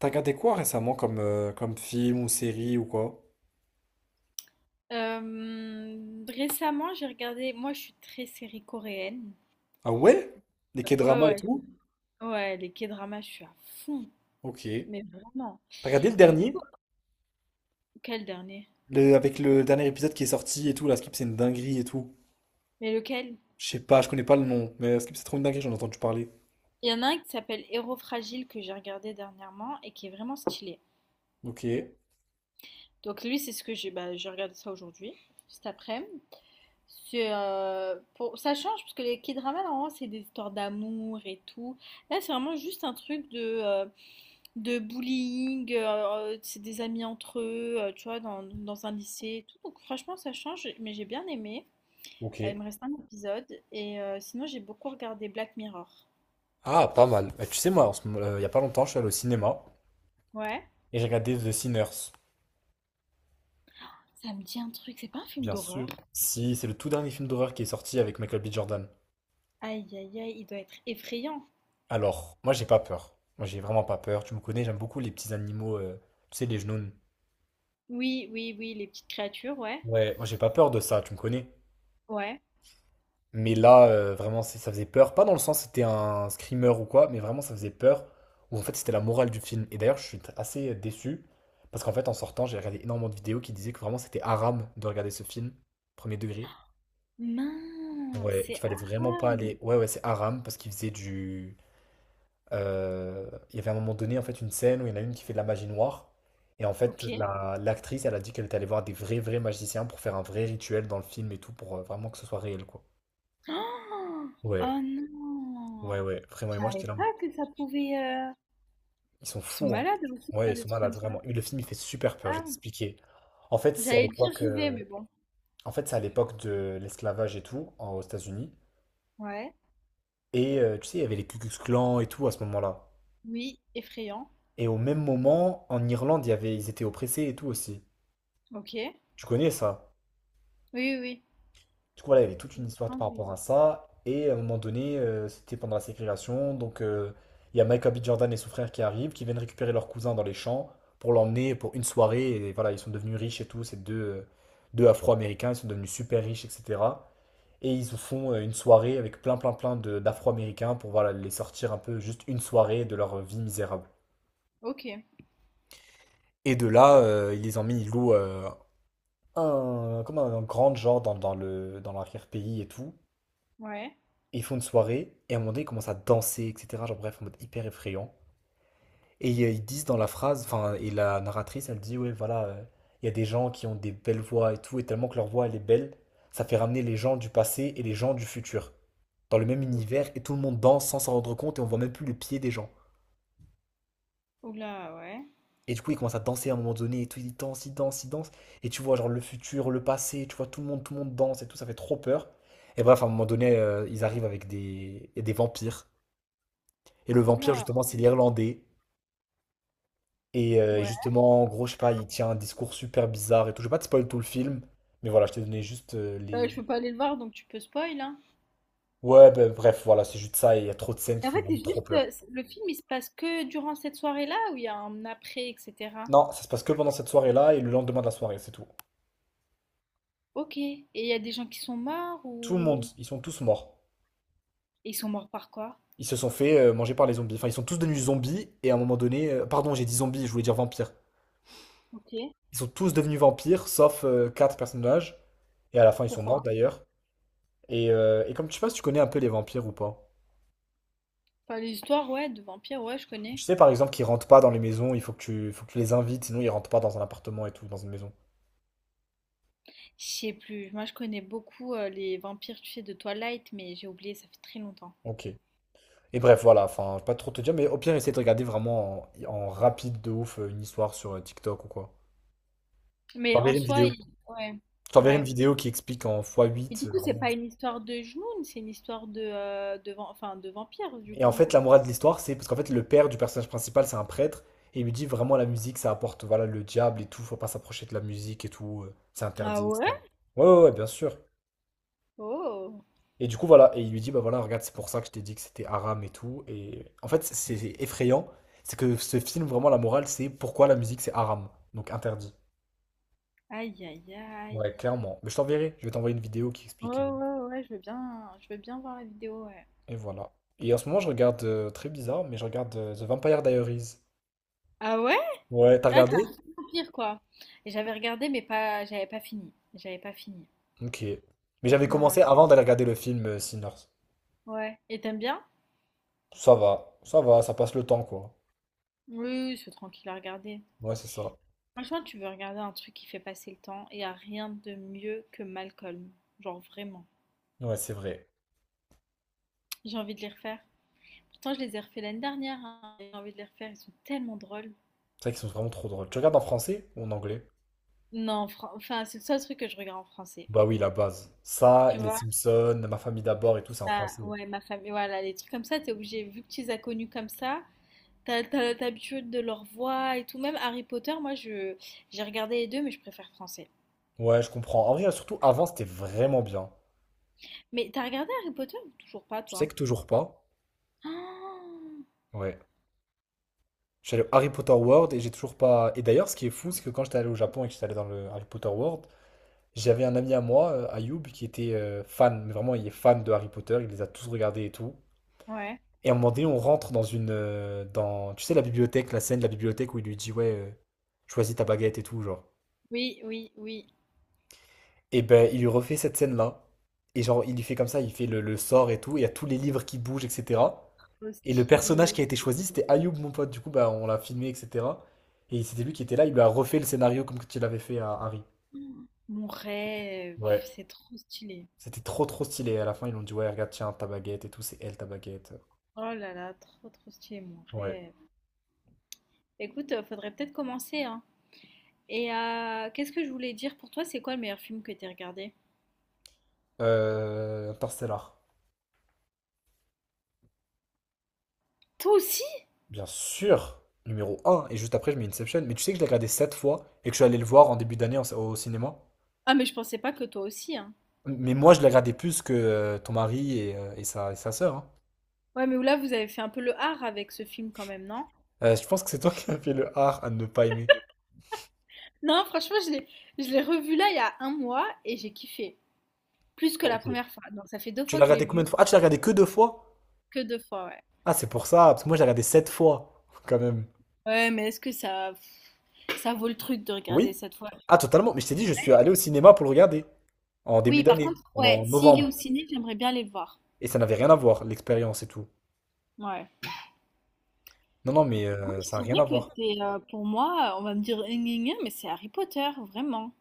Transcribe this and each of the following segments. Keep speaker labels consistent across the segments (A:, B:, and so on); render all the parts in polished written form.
A: T'as regardé quoi récemment comme, comme film ou série ou quoi?
B: Récemment, j'ai regardé, moi je suis très série coréenne.
A: Ah ouais? Les
B: Euh,
A: K-dramas et
B: Ouais,
A: tout?
B: ouais, ouais, les K-dramas, je suis à fond,
A: Ok.
B: mais vraiment.
A: T'as regardé le
B: Du coup,
A: dernier?
B: quel dernier?
A: Avec le dernier épisode qui est sorti et tout, la Skip c'est une dinguerie et tout.
B: Mais lequel?
A: Je sais pas, je connais pas le nom, mais Skip c'est trop une dinguerie, j'en ai entendu parler.
B: Il y en a un qui s'appelle Héros fragile que j'ai regardé dernièrement et qui est vraiment stylé.
A: Ok.
B: Donc lui, c'est ce que j'ai, bah, j'ai regardé ça aujourd'hui, cet après-midi. C'est pour ça change parce que les K-dramas normalement c'est des histoires d'amour et tout. Là, c'est vraiment juste un truc de bullying, c'est des amis entre eux, tu vois, dans un lycée et tout, donc franchement ça change, mais j'ai bien aimé.
A: Ok.
B: Il me reste un épisode et sinon j'ai beaucoup regardé Black Mirror.
A: Ah, pas mal. Bah, tu sais, moi, il y a pas longtemps, je suis allé au cinéma
B: Ouais?
A: et j'ai regardé The Sinners.
B: Ça me dit un truc, c'est pas un film
A: Bien
B: d'horreur?
A: sûr. Si, c'est le tout dernier film d'horreur qui est sorti avec Michael B. Jordan.
B: Aïe aïe aïe, il doit être effrayant.
A: Alors, moi, j'ai pas peur. Moi, j'ai vraiment pas peur. Tu me connais, j'aime beaucoup les petits animaux, tu sais, les genoux.
B: Oui, oui, oui, les petites créatures, ouais.
A: Ouais, moi j'ai pas peur de ça, tu me connais.
B: Ouais.
A: Mais là, vraiment, ça faisait peur. Pas dans le sens c'était un screamer ou quoi, mais vraiment ça faisait peur. Où en fait c'était la morale du film. Et d'ailleurs, je suis assez déçu. Parce qu'en fait, en sortant, j'ai regardé énormément de vidéos qui disaient que vraiment c'était haram de regarder ce film, premier degré.
B: Mince,
A: Ouais, et qu'il
B: c'est
A: fallait vraiment pas
B: Aram!
A: aller. Ouais, ouais, c'est haram parce qu'il faisait du. euh, Il y avait à un moment donné, en fait, une scène où il y en a une qui fait de la magie noire. Et en fait,
B: OK.
A: l'actrice, elle a dit qu'elle était allée voir des vrais, vrais magiciens pour faire un vrai rituel dans le film et tout, pour vraiment que ce soit réel, quoi.
B: Oh!
A: Ouais,
B: Oh
A: ouais,
B: non!
A: ouais, vraiment.
B: Je
A: Et moi, j'étais
B: savais
A: là, en
B: pas
A: mode,
B: que ça pouvait,
A: ils sont
B: ils sont
A: fous, hein.
B: malades aussi de
A: Ouais,
B: faire
A: ils
B: des
A: sont
B: trucs
A: malades,
B: comme ça.
A: vraiment. Et le film, il fait super peur, je vais
B: Ah!
A: t'expliquer. En fait, c'est à
B: J'allais dire
A: l'époque,
B: j'y vais, mais bon.
A: en fait, c'est à l'époque de l'esclavage et tout, aux États-Unis.
B: Ouais.
A: Et tu sais, il y avait les Ku Klux Klan et tout à ce moment-là.
B: Oui, effrayant.
A: Et au même moment, en Irlande, il y avait, ils étaient oppressés et tout aussi.
B: Ok. Oui,
A: Tu connais ça?
B: oui, oui.
A: Du coup, voilà, il y avait toute une histoire par
B: Enduit.
A: rapport à ça. Et à un moment donné, c'était pendant la ségrégation. Donc, il y a Michael B. Jordan et son frère qui arrivent, qui viennent récupérer leur cousin dans les champs pour l'emmener pour une soirée. Et voilà, ils sont devenus riches et tout. Ces deux Afro-Américains, ils sont devenus super riches, etc. Et ils se font une soirée avec plein, plein, plein d'Afro-Américains pour voilà, les sortir un peu juste une soirée de leur vie misérable.
B: Ok.
A: Et de là, ils les emmènent, ils louent un, comme un grand genre dans l'arrière-pays et tout.
B: Ouais.
A: Ils font une soirée, et à un moment donné, ils commencent à danser, etc. Genre, bref, en mode hyper effrayant. Et ils disent dans la phrase, enfin, et la narratrice, elle dit, ouais, voilà, il y a des gens qui ont des belles voix et tout, et tellement que leur voix, elle est belle, ça fait ramener les gens du passé et les gens du futur dans le même
B: Ou-
A: univers, et tout le monde danse sans s'en rendre compte, et on voit même plus les pieds des gens.
B: Oula, ouais.
A: Et du coup, ils commencent à danser à un moment donné, et tout, ils dansent, ils dansent, ils dansent, et tu vois, genre, le futur, le passé, tu vois, tout le monde danse, et tout, ça fait trop peur. Et bref, à un moment donné, ils arrivent avec des, et des vampires. Et le vampire,
B: Oula,
A: justement, c'est l'Irlandais. Et
B: ouais.
A: justement, en gros, je sais pas, il tient un discours super bizarre et tout. Je vais pas te spoil tout le film, mais voilà, je t'ai donné juste les.
B: Je peux pas aller le voir, donc tu peux spoil, hein.
A: Ouais, bah, bref, voilà, c'est juste ça et il y a trop de scènes qui
B: Et en
A: font
B: fait,
A: vraiment
B: c'est
A: trop
B: juste
A: peur.
B: le film, il se passe que durant cette soirée-là, ou il y a un après, etc.
A: Non, ça se passe que pendant cette soirée-là et le lendemain de la soirée, c'est tout.
B: Ok. Et il y a des gens qui sont morts
A: Tout le monde,
B: ou,
A: ils sont tous morts.
B: et ils sont morts par quoi?
A: Ils se sont fait manger par les zombies. Enfin, ils sont tous devenus zombies et à un moment donné, pardon, j'ai dit zombies, je voulais dire vampires.
B: Ok.
A: Ils sont tous devenus vampires, sauf quatre personnages. Et à la fin, ils sont
B: Pourquoi?
A: morts d'ailleurs. Et comme tu sais pas si tu connais un peu les vampires ou pas.
B: Enfin, les histoires, ouais, de vampires, ouais, je
A: Je
B: connais.
A: sais par exemple qu'ils rentrent pas dans les maisons, il faut que tu les invites, sinon ils rentrent pas dans un appartement et tout, dans une maison.
B: Je sais plus. Moi, je connais beaucoup les vampires, tu sais, de Twilight, mais j'ai oublié, ça fait très longtemps.
A: Ok. Et bref, voilà, enfin, pas trop te dire, mais au pire, essaie de regarder vraiment en rapide de ouf, une histoire sur TikTok ou quoi. Je
B: Mais en
A: t'enverrai une
B: soi,
A: vidéo.
B: il- ouais,
A: Je t'enverrai une
B: ouais.
A: vidéo qui explique en fois
B: Mais
A: huit,
B: du coup, c'est
A: vraiment.
B: pas une histoire de Jnoun, c'est une histoire de, enfin, de vampire, du
A: Et en
B: coup.
A: fait, la morale de l'histoire, c'est parce qu'en fait, le père du personnage principal, c'est un prêtre, et il lui dit vraiment la musique, ça apporte, voilà, le diable et tout, faut pas s'approcher de la musique et tout, c'est
B: Ah
A: interdit, etc.
B: ouais?
A: Ouais, ouais, ouais, bien sûr.
B: Oh,
A: Et du coup, voilà, et il lui dit, bah voilà, regarde, c'est pour ça que je t'ai dit que c'était haram et tout. Et en fait, c'est effrayant, c'est que ce film, vraiment, la morale, c'est pourquoi la musique, c'est haram, donc interdit.
B: aïe, aïe, aïe.
A: Ouais, clairement. Mais je t'enverrai, je vais t'envoyer une vidéo qui
B: Ouais,
A: explique.
B: ouais, ouais, je veux bien voir la vidéo, ouais.
A: Et voilà. Et en ce moment, je regarde, très bizarre, mais je regarde The Vampire Diaries.
B: Ah ouais?
A: Ouais, t'as
B: Ah, t'as
A: regardé?
B: vampire, quoi. Et j'avais regardé, mais pas, J'avais pas fini.
A: Ok. Mais j'avais
B: Non, non.
A: commencé avant d'aller regarder le film Sinners.
B: Ouais. Et t'aimes bien?
A: Ça va, ça va, ça passe le temps, quoi.
B: Oui, oui, c'est tranquille à regarder.
A: Ouais, c'est ça.
B: Franchement, tu veux regarder un truc qui fait passer le temps et y a rien de mieux que Malcolm. Genre, vraiment.
A: Ouais, c'est vrai.
B: J'ai envie de les refaire. Pourtant, je les ai refait l'année dernière, hein. J'ai envie de les refaire. Ils sont tellement drôles.
A: C'est vrai qu'ils sont vraiment trop drôles. Tu regardes en français ou en anglais?
B: Non, enfin, c'est le seul truc que je regarde en français.
A: Bah oui, la base. Ça, et
B: Tu
A: les
B: vois,
A: Simpsons, Ma famille d'abord et tout, c'est en
B: ça,
A: français.
B: ouais, ma famille, voilà, les trucs comme ça, t'es obligé, vu que tu les as connus comme ça, t'as l'habitude de leur voix et tout. Même Harry Potter, j'ai regardé les deux, mais je préfère français.
A: Ouais, je comprends. En vrai, surtout avant, c'était vraiment bien.
B: Mais t'as regardé Harry Potter? Ou toujours pas,
A: Je sais
B: toi.
A: que toujours pas.
B: Ah,
A: Ouais. Je suis allé au Harry Potter World et j'ai toujours pas. Et d'ailleurs, ce qui est fou, c'est que quand j'étais allé au Japon et que j'étais allé dans le Harry Potter World, j'avais un ami à moi, Ayoub, qui était fan. Mais vraiment, il est fan de Harry Potter. Il les a tous regardés et tout.
B: ouais.
A: Et à un moment donné, on rentre dans une, dans... Tu sais, la bibliothèque, la scène de la bibliothèque où il lui dit, ouais, choisis ta baguette et tout, genre.
B: Oui, oui, oui.
A: Et ben, il lui refait cette scène-là. Et genre, il lui fait comme ça, il fait le sort et tout. Et il y a tous les livres qui bougent, etc.
B: Trop
A: Et le
B: stylé.
A: personnage qui a été choisi, c'était Ayoub, mon pote. Du coup, bah, on l'a filmé, etc. Et c'était lui qui était là. Il lui a refait le scénario comme tu l'avais fait à Harry.
B: Mon rêve,
A: Ouais.
B: c'est trop stylé.
A: C'était trop, trop stylé. À la fin, ils l'ont dit, ouais, regarde, tiens, ta baguette et tout. C'est elle, ta baguette.
B: Oh là là, trop, trop stylé, mon
A: Ouais.
B: rêve. Écoute, faudrait peut-être commencer, hein. Et qu'est-ce que je voulais dire, pour toi, c'est quoi le meilleur film que t'aies regardé?
A: Interstellar.
B: Toi aussi?
A: Bien sûr. Numéro un. Et juste après, je mets Inception. Mais tu sais que je l'ai regardé 7 fois et que je suis allé le voir en début d'année au cinéma.
B: Ah, mais je pensais pas que toi aussi, hein.
A: Mais moi, je la gardais plus que ton mari et sa sœur, hein.
B: Ouais, mais là, vous avez fait un peu le art avec ce film quand même, non?
A: Je pense que c'est toi qui as fait le art à ne pas aimer.
B: Non, franchement, je l'ai revu là il y a un mois et j'ai kiffé. Plus que la
A: Ok.
B: première fois. Donc ça fait deux
A: Tu
B: fois
A: l'as
B: que je l'ai
A: regardé combien de
B: vu,
A: fois? Ah, tu l'as regardé que deux fois?
B: que deux fois, ouais.
A: Ah, c'est pour ça, parce que moi, je l'ai regardé sept fois, quand même.
B: Ouais, mais est-ce que ça, pff, ça vaut le truc de regarder
A: Oui?
B: cette fois?
A: Ah, totalement. Mais je t'ai dit, je suis allé au cinéma pour le regarder, en début
B: Oui, par
A: d'année,
B: contre,
A: en,
B: ouais,
A: en
B: s'il est
A: novembre.
B: au ciné, j'aimerais bien aller le voir.
A: Et ça n'avait rien à voir, l'expérience et tout.
B: Ouais.
A: Non, non, mais
B: Moi, je
A: ça n'a rien à
B: dirais que
A: voir.
B: c'est, pour moi, on va me dire gna gna gna, mais c'est Harry Potter, vraiment.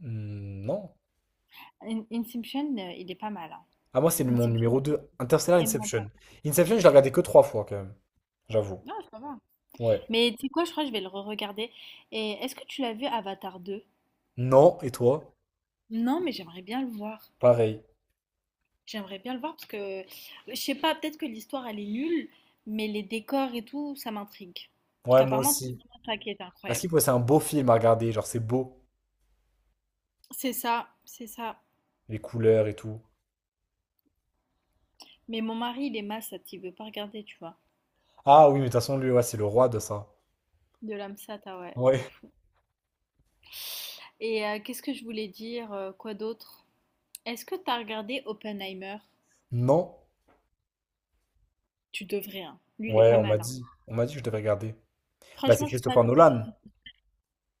A: Hmm, non.
B: Inception, il est pas mal, hein.
A: Ah, moi, c'est mon
B: Inception,
A: numéro 2, Interstellar
B: il est vraiment pas
A: Inception.
B: mal.
A: Inception, je l'ai regardé que trois fois, quand même, j'avoue.
B: Non, ça va.
A: Ouais.
B: Mais tu sais quoi, je crois que je vais le re-regarder. Et est-ce que tu l'as vu Avatar deux?
A: Non, et toi?
B: Non, mais j'aimerais bien le voir.
A: Pareil.
B: J'aimerais bien le voir parce que, je sais pas, peut-être que l'histoire, elle est nulle, mais les décors et tout, ça m'intrigue. Parce
A: Ouais, moi
B: qu'apparemment, c'était
A: aussi.
B: vraiment ça qui était
A: À
B: incroyable.
A: Sleep, ouais, c'est un beau film à regarder, genre c'est beau,
B: C'est ça, c'est ça.
A: les couleurs et tout.
B: Mais mon mari, il est massat, il veut pas regarder, tu vois.
A: Ah oui, mais de toute façon, lui, ouais, c'est le roi de ça.
B: De l'âme sata, ouais, de
A: Ouais.
B: fou. Et qu'est-ce que je voulais dire? Quoi d'autre? Est-ce que t'as regardé Oppenheimer?
A: Non?
B: Tu devrais, hein. Lui, il est
A: Ouais,
B: pas
A: on m'a
B: mal, hein.
A: dit. On m'a dit que je devais regarder. Bah, c'est
B: Franchement, je suis pas...
A: Christopher Nolan.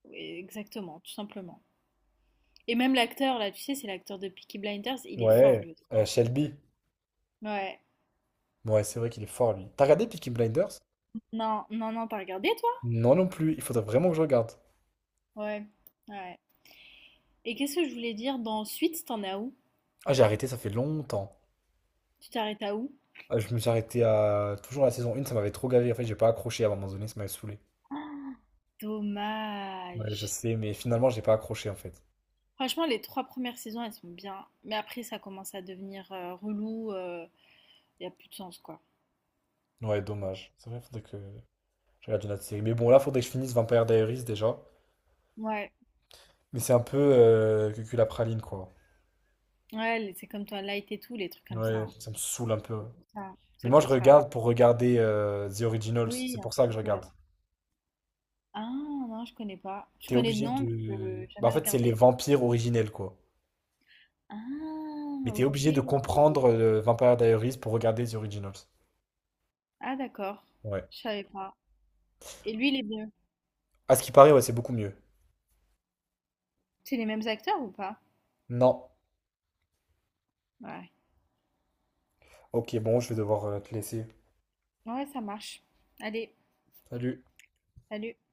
B: Oui, exactement, tout simplement. Et même l'acteur, là, tu sais, c'est l'acteur de Peaky Blinders, il est fort,
A: Ouais.
B: lui aussi.
A: Shelby.
B: Ouais.
A: Ouais, c'est vrai qu'il est fort, lui. T'as regardé Peaky Blinders?
B: Non, non, non, t'as regardé, toi?
A: Non, non plus. Il faudrait vraiment que je regarde.
B: Ouais, ouais. Et qu'est-ce que je voulais dire? Dans Suite, t'en as où?
A: Ah, j'ai arrêté, ça fait longtemps.
B: Tu t'arrêtes à où?
A: Ah, je me suis arrêté à toujours la saison 1, ça m'avait trop gavé. En fait, j'ai pas accroché à un moment donné, ça m'avait saoulé. Ouais, je
B: Dommage.
A: sais, mais finalement, j'ai pas accroché, en fait.
B: Franchement, les trois premières saisons, elles sont bien. Mais après, ça commence à devenir relou. Il n'y a plus de sens, quoi.
A: Ouais, dommage. C'est vrai, faudrait que je regarde une autre série. Mais bon, là, faudrait que je finisse Vampire Diaries déjà.
B: Ouais.
A: Mais c'est un peu cucul à praline, quoi.
B: Ouais, c'est comme toi, Light et tout, les trucs comme ça,
A: Ouais,
B: hein.
A: ça me saoule un peu.
B: C'est pour ça.
A: Mais
B: C'est
A: moi, je
B: pour ça.
A: regarde pour regarder The Originals. C'est
B: Oui, un
A: pour ça que
B: truc,
A: je regarde.
B: Ah non, je connais pas. Je
A: T'es
B: connais de
A: obligé
B: nom, mais je
A: de. Bah, en
B: jamais
A: fait, c'est les
B: regardé.
A: vampires originels, quoi.
B: Ah,
A: Mais t'es
B: ok.
A: obligé de comprendre Vampire Diaries pour regarder The Originals.
B: Ah d'accord.
A: Ouais.
B: Je savais pas. Et lui, il est bien.
A: À ce qui paraît, ouais, c'est beaucoup mieux.
B: C'est les mêmes acteurs ou pas?
A: Non.
B: Ouais.
A: Ok, bon, je vais devoir te laisser.
B: Ouais, ça marche. Allez,
A: Salut.
B: salut.